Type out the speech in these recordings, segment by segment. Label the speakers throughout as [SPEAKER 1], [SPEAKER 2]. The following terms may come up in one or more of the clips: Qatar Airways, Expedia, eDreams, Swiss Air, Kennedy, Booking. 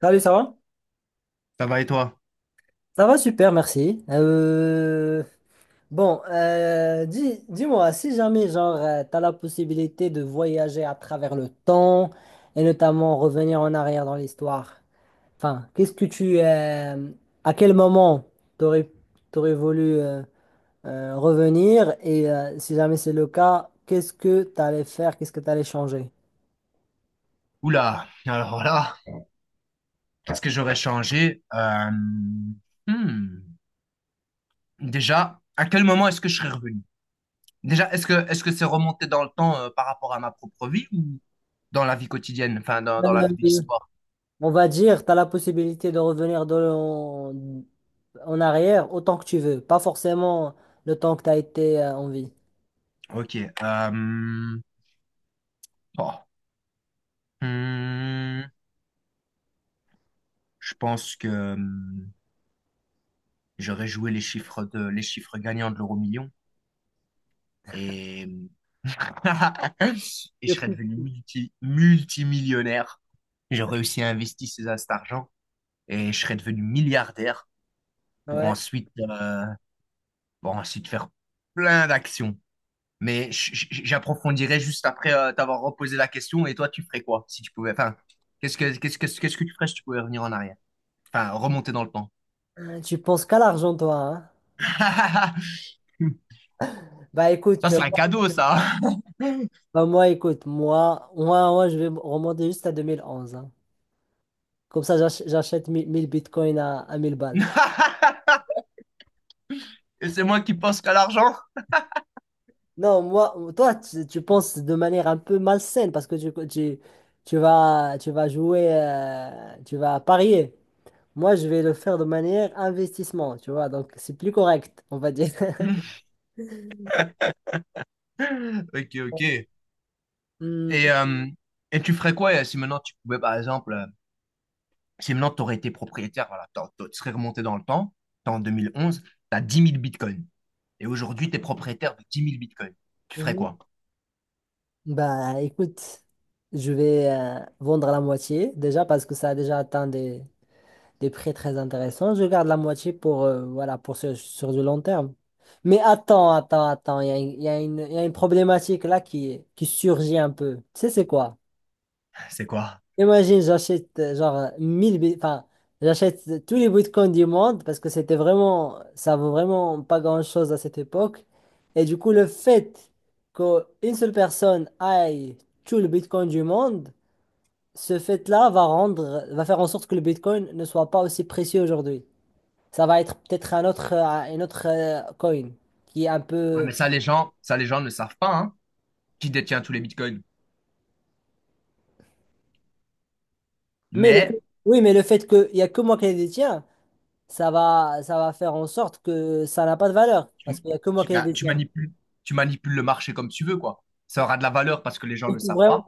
[SPEAKER 1] Salut, ça va?
[SPEAKER 2] Ça va et toi?
[SPEAKER 1] Ça va super, merci. Bon, dis-moi, si jamais, genre, tu as la possibilité de voyager à travers le temps et notamment revenir en arrière dans l'histoire, enfin, à quel moment t'aurais, t'aurais voulu revenir et si jamais c'est le cas, qu'est-ce que tu allais faire, qu'est-ce que tu allais changer?
[SPEAKER 2] Oula, alors là, qu'est-ce que j'aurais changé? Hmm. Déjà, à quel moment est-ce que je serais revenu? Déjà, est-ce que c'est remonté dans le temps par rapport à ma propre vie ou dans la vie quotidienne, enfin dans la vie de
[SPEAKER 1] Euh,
[SPEAKER 2] l'histoire?
[SPEAKER 1] On va dire, tu as la possibilité de revenir en arrière autant que tu veux, pas forcément le temps que tu as été en vie.
[SPEAKER 2] Ok. Oh, hmm, Je pense que j'aurais joué les chiffres de les chiffres gagnants de l'euro million et et je serais
[SPEAKER 1] Depuis.
[SPEAKER 2] devenu multimillionnaire. J'ai réussi à investir cet argent et je serais devenu milliardaire pour
[SPEAKER 1] Ouais,
[SPEAKER 2] ensuite faire plein d'actions. Mais j'approfondirai juste après t'avoir reposé la question. Et toi, tu ferais quoi si tu pouvais? Enfin, qu'est-ce que tu ferais si tu pouvais revenir en arrière? Enfin, remonter dans le temps.
[SPEAKER 1] tu penses qu'à l'argent, toi, hein? Bah
[SPEAKER 2] Ça,
[SPEAKER 1] écoute,
[SPEAKER 2] c'est un cadeau, ça.
[SPEAKER 1] bah, moi, écoute, je vais me remonter juste à 2011, hein. Comme ça, j'achète mille bitcoins à 1000 balles.
[SPEAKER 2] Et c'est moi qui pense qu'à l'argent?
[SPEAKER 1] Non, moi, toi, tu penses de manière un peu malsaine parce que tu vas jouer, tu vas parier. Moi, je vais le faire de manière investissement, tu vois. Donc, c'est plus correct, on va dire.
[SPEAKER 2] Ok, ok.
[SPEAKER 1] Hmm,
[SPEAKER 2] Et, euh, et tu ferais quoi si maintenant tu pouvais, par exemple, si maintenant tu aurais été propriétaire, voilà, tu serais remonté dans le temps, t'es en 2011, tu as 10 000 bitcoins. Et aujourd'hui, tu es propriétaire de 10 000 bitcoins. Tu ferais
[SPEAKER 1] mhm.
[SPEAKER 2] quoi?
[SPEAKER 1] Bah, écoute, je vais vendre la moitié déjà parce que ça a déjà atteint des prix très intéressants. Je garde la moitié, voilà, sur du long terme. Mais attends, il y a une problématique là qui surgit un peu. Tu sais, c'est quoi?
[SPEAKER 2] C'est quoi?
[SPEAKER 1] Imagine, j'achète j'achète tous les bitcoins du monde parce que c'était vraiment, ça vaut vraiment pas grand-chose à cette époque. Et du coup, le fait qu'une seule personne aille tout le bitcoin du monde, ce fait-là va rendre, va faire en sorte que le bitcoin ne soit pas aussi précieux aujourd'hui. Ça va être peut-être un autre coin qui est un
[SPEAKER 2] Ouais,
[SPEAKER 1] peu.
[SPEAKER 2] mais ça, les gens ne savent pas, hein, qui détient tous les bitcoins.
[SPEAKER 1] Mais le...
[SPEAKER 2] Mais
[SPEAKER 1] Oui, mais le fait qu'il y a que moi qui les détiens. Ça va faire en sorte que ça n'a pas de valeur, parce
[SPEAKER 2] tu,
[SPEAKER 1] qu'il n'y a que moi
[SPEAKER 2] tu-
[SPEAKER 1] qui ai
[SPEAKER 2] bah, tu
[SPEAKER 1] dessiné.
[SPEAKER 2] manipules, tu manipules le marché comme tu veux, quoi. Ça aura de la valeur parce que les gens
[SPEAKER 1] Il
[SPEAKER 2] ne le
[SPEAKER 1] faut
[SPEAKER 2] savent
[SPEAKER 1] vraiment,
[SPEAKER 2] pas.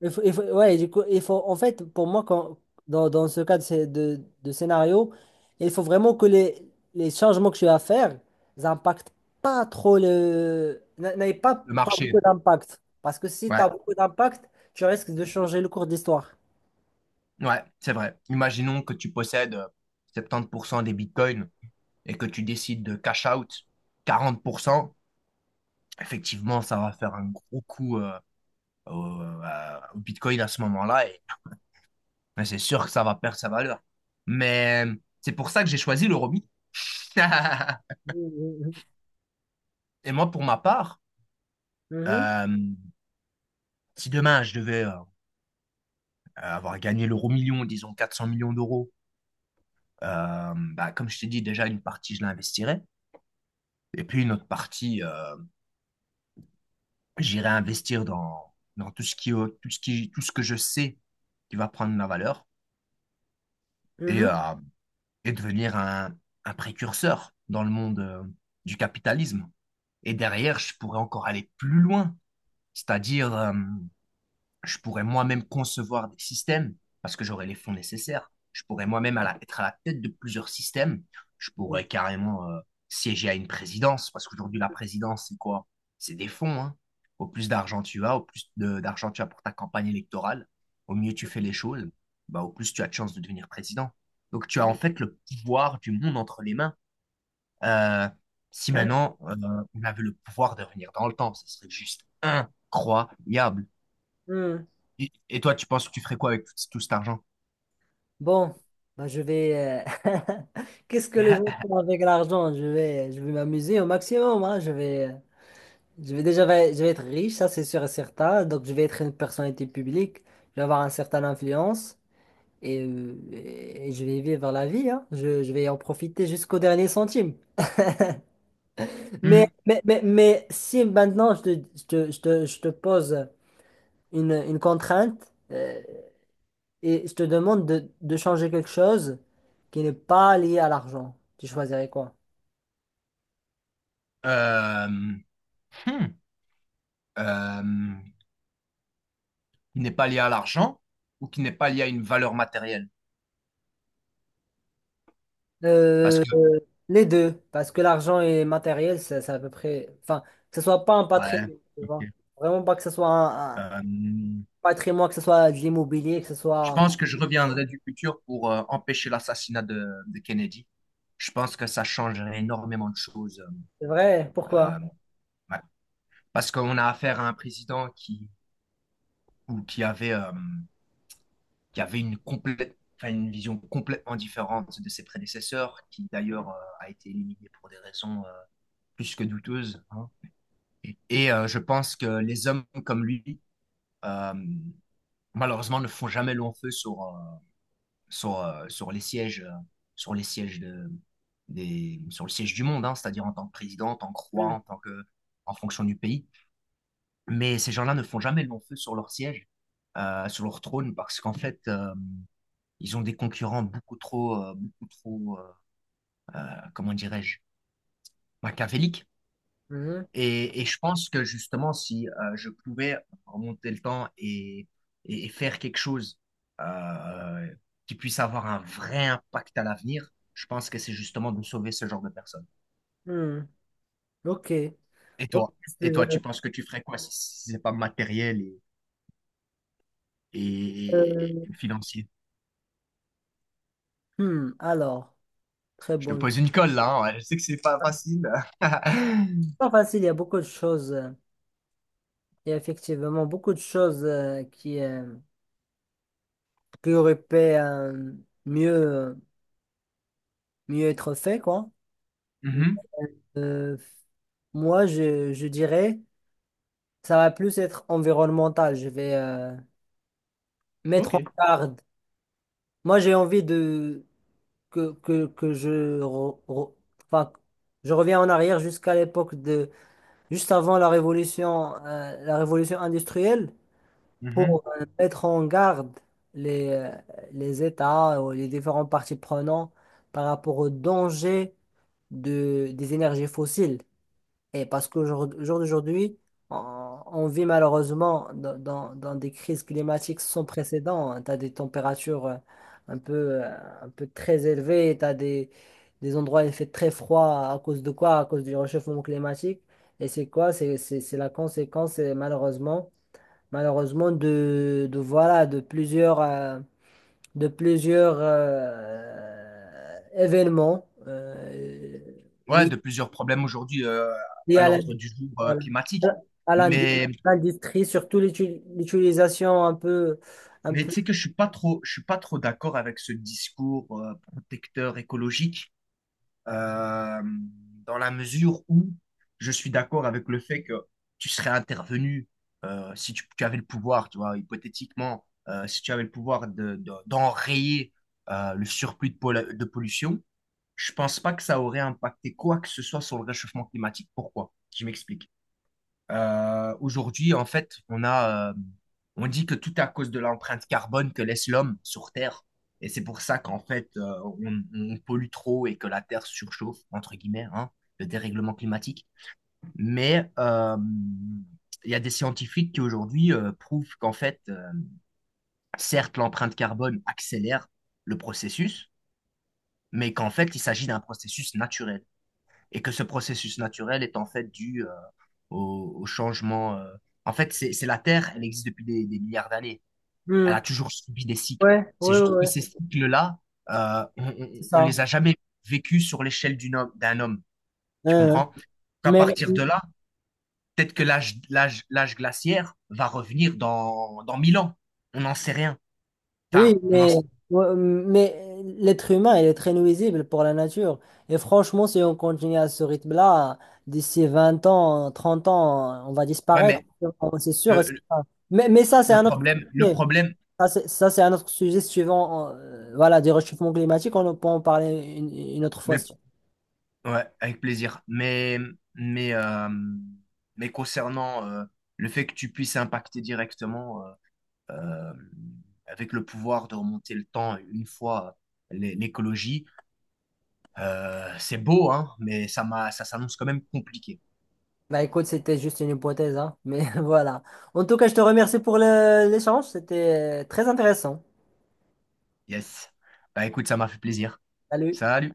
[SPEAKER 1] il faut- Ouais, du coup, il faut, en fait, pour moi, dans ce cas de scénario, il faut vraiment que les changements que tu vas faire n'impactent pas trop le... n'a- n'aient
[SPEAKER 2] Le
[SPEAKER 1] pas beaucoup
[SPEAKER 2] marché,
[SPEAKER 1] d'impact. Parce que si tu
[SPEAKER 2] ouais,
[SPEAKER 1] as beaucoup d'impact, tu risques de changer le cours d'histoire.
[SPEAKER 2] ouais, c'est vrai. Imaginons que tu possèdes 70% des bitcoins et que tu décides de cash out 40%. Effectivement, ça va faire un gros coup au Bitcoin à ce moment-là et ben, c'est sûr que ça va perdre sa valeur. Mais c'est pour ça que j'ai choisi l'Euromi.
[SPEAKER 1] Mhm,
[SPEAKER 2] Et moi, pour ma part,
[SPEAKER 1] mhm,
[SPEAKER 2] euh, si demain je devais avoir gagné l'euro million, disons 400 millions d'euros, bah, comme je t'ai dit, déjà une partie, je l'investirais. Et puis une autre partie, j'irai investir dans tout ce qui, tout ce qui, tout ce que je sais qui va prendre la valeur. Et euh,
[SPEAKER 1] mhm,
[SPEAKER 2] et devenir un précurseur dans le monde du capitalisme. Et derrière, je pourrais encore aller plus loin, c'est-à-dire je pourrais moi-même concevoir des systèmes parce que j'aurais les fonds nécessaires. Je pourrais moi-même être à la tête de plusieurs systèmes. Je
[SPEAKER 1] mhm,
[SPEAKER 2] pourrais carrément siéger à une présidence parce qu'aujourd'hui, la présidence, c'est quoi? C'est des fonds, hein. Au plus d'argent tu as, au plus d'argent tu as pour ta campagne électorale, au mieux tu fais les choses, bah, au plus tu as de chances de devenir président. Donc tu as en fait le pouvoir du monde entre les mains. Euh, Si maintenant on avait le pouvoir de revenir dans le temps, ce serait juste incroyable.
[SPEAKER 1] mhm.
[SPEAKER 2] Et toi, tu penses que tu ferais quoi avec tout, tout cet argent?
[SPEAKER 1] Bon, bah, je vais. Qu'est-ce que les gens font avec l'argent? Je vais m'amuser au maximum, hein. Je vais déjà, je vais être riche, ça c'est sûr et certain. Donc je vais être une personnalité publique. Je vais avoir une certaine influence et je vais vivre la vie, hein. Je vais en profiter jusqu'au dernier centime. Mais,
[SPEAKER 2] Hmm,
[SPEAKER 1] mais, mais, mais si maintenant je te pose une contrainte. Et je te demande de changer quelque chose qui n'est pas lié à l'argent. Tu choisirais quoi?
[SPEAKER 2] Euh, hmm, euh, qui n'est pas lié à l'argent ou qui n'est pas lié à une valeur matérielle? Parce
[SPEAKER 1] Euh,
[SPEAKER 2] que,
[SPEAKER 1] les deux, parce que l'argent et matériel, c'est à peu près. Enfin, que ce soit pas un
[SPEAKER 2] ouais,
[SPEAKER 1] patrimoine, tu vois.
[SPEAKER 2] ok.
[SPEAKER 1] Vraiment pas que ce soit un
[SPEAKER 2] Euh,
[SPEAKER 1] patrimoine, que ce soit de l'immobilier, que ce
[SPEAKER 2] je
[SPEAKER 1] soit.
[SPEAKER 2] pense que je reviendrai du futur pour empêcher l'assassinat de Kennedy. Je pense que ça changerait énormément de choses.
[SPEAKER 1] C'est vrai, pourquoi?
[SPEAKER 2] Euh, ouais. Parce qu'on a affaire à un président qui, ou qui avait une complète enfin, une vision complètement différente de ses prédécesseurs, qui d'ailleurs a été éliminé pour des raisons plus que douteuses, hein. Je pense que les hommes comme lui, euh, malheureusement, ne font jamais long feu sur les sièges, sur les sièges de, sur le siège du monde, hein, c'est-à-dire en tant que président, en tant que roi,
[SPEAKER 1] Hmm.
[SPEAKER 2] en tant que, en fonction du pays. Mais ces gens-là ne font jamais long feu sur leur siège, sur leur trône, parce qu'en fait, ils ont des concurrents beaucoup trop, comment dirais-je, machiavéliques.
[SPEAKER 1] Mhm.
[SPEAKER 2] Et je pense que justement, si je pouvais remonter le temps et faire quelque chose euh, qui puisse avoir un vrai impact à l'avenir, je pense que c'est justement de sauver ce genre de personnes.
[SPEAKER 1] Hmm. Ok.
[SPEAKER 2] Et
[SPEAKER 1] Ok,
[SPEAKER 2] toi? Et toi, tu penses que tu ferais quoi si c'est pas matériel
[SPEAKER 1] euh,
[SPEAKER 2] et financier?
[SPEAKER 1] hmm, Alors, très
[SPEAKER 2] Je te
[SPEAKER 1] bon.
[SPEAKER 2] pose une colle là, hein, ouais, je sais que c'est pas facile.
[SPEAKER 1] Pas facile, il y a beaucoup de choses. Il y a effectivement beaucoup de choses qui aurait pu mieux, mieux être fait, quoi.
[SPEAKER 2] Mhm.
[SPEAKER 1] Euh, Moi, je dirais, ça va plus être environnemental. Je vais mettre en
[SPEAKER 2] Ok.
[SPEAKER 1] garde. Moi, j'ai envie de que je, re- re- enfin, je reviens en arrière jusqu'à l'époque de, juste avant la révolution industrielle.
[SPEAKER 2] Mhm.
[SPEAKER 1] Pour mettre en garde les, euh, les États ou les différents parties prenantes par rapport au danger des énergies fossiles. Et parce qu'au jour d'aujourd'hui, on vit malheureusement dans des crises climatiques sans précédent. Tu as des températures un peu, euh, un peu très élevées, tu as des endroits où il fait très froid à cause de quoi? À cause du réchauffement climatique. Et c'est quoi? C'est la conséquence, et malheureusement de plusieurs événements
[SPEAKER 2] Ouais,
[SPEAKER 1] liés
[SPEAKER 2] de plusieurs problèmes aujourd'hui
[SPEAKER 1] liés
[SPEAKER 2] à
[SPEAKER 1] à
[SPEAKER 2] l'ordre du jour
[SPEAKER 1] voilà,
[SPEAKER 2] climatique.
[SPEAKER 1] à l'ind-
[SPEAKER 2] Mais,
[SPEAKER 1] l'industrie, surtout l'utilisation un
[SPEAKER 2] mais
[SPEAKER 1] peu.
[SPEAKER 2] tu sais que je suis pas trop, je suis pas trop d'accord avec ce discours protecteur écologique euh, dans la mesure où je suis d'accord avec le fait que tu serais intervenu si tu avais le pouvoir, tu vois, hypothétiquement, si tu avais le pouvoir d'enrayer le surplus de pollution, je pense pas que ça aurait impacté quoi que ce soit sur le réchauffement climatique. Pourquoi? Je m'explique. Aujourd'hui, en fait, on dit que tout à cause de l'empreinte carbone que laisse l'homme sur Terre. Et c'est pour ça qu'en fait, on pollue trop et que la Terre surchauffe, entre guillemets, hein, le dérèglement climatique. Mais il y a des scientifiques qui aujourd'hui prouvent qu'en fait, certes, l'empreinte carbone accélère le processus, mais qu'en fait, il s'agit d'un processus naturel et que ce processus naturel est en fait dû au changement. En fait, c'est la Terre, elle existe depuis des milliards d'années. Elle a
[SPEAKER 1] Hmm.
[SPEAKER 2] toujours subi des cycles.
[SPEAKER 1] Ouais,
[SPEAKER 2] C'est
[SPEAKER 1] ouais,
[SPEAKER 2] juste que ces
[SPEAKER 1] ouais,
[SPEAKER 2] cycles-là, euh, on, on-
[SPEAKER 1] c'est
[SPEAKER 2] on
[SPEAKER 1] ça.
[SPEAKER 2] les a jamais vécus sur l'échelle d'un homme. Tu
[SPEAKER 1] Hein,
[SPEAKER 2] comprends?
[SPEAKER 1] hein.
[SPEAKER 2] Qu'à
[SPEAKER 1] mais
[SPEAKER 2] partir de là, peut-être que l'âge glaciaire va revenir dans 1000 ans. On n'en sait rien.
[SPEAKER 1] Oui,
[SPEAKER 2] Enfin, on en
[SPEAKER 1] mais,
[SPEAKER 2] sait.
[SPEAKER 1] l'être humain, il est très nuisible pour la nature. Et franchement, si on continue à ce rythme-là, d'ici 20 ans, 30 ans, on va
[SPEAKER 2] Ouais,
[SPEAKER 1] disparaître.
[SPEAKER 2] mais
[SPEAKER 1] C'est sûr
[SPEAKER 2] le,
[SPEAKER 1] et
[SPEAKER 2] le
[SPEAKER 1] certain. Mais ça, c'est
[SPEAKER 2] le
[SPEAKER 1] un autre
[SPEAKER 2] problème, le
[SPEAKER 1] sujet.
[SPEAKER 2] problème,
[SPEAKER 1] C'est un autre sujet suivant, voilà, du réchauffement climatique. On peut en parler une autre fois.
[SPEAKER 2] mais ouais, avec plaisir. Mais, euh, mais concernant le fait que tu puisses impacter directement euh, avec le pouvoir de remonter le temps une fois l'écologie, c'est beau, hein, mais ça m'a, ça s'annonce quand même compliqué.
[SPEAKER 1] Bah écoute, c'était juste une hypothèse, hein. Mais voilà. En tout cas, je te remercie pour l'échange. C'était très intéressant.
[SPEAKER 2] Yes. Bah écoute, ça m'a fait plaisir.
[SPEAKER 1] Salut.
[SPEAKER 2] Salut.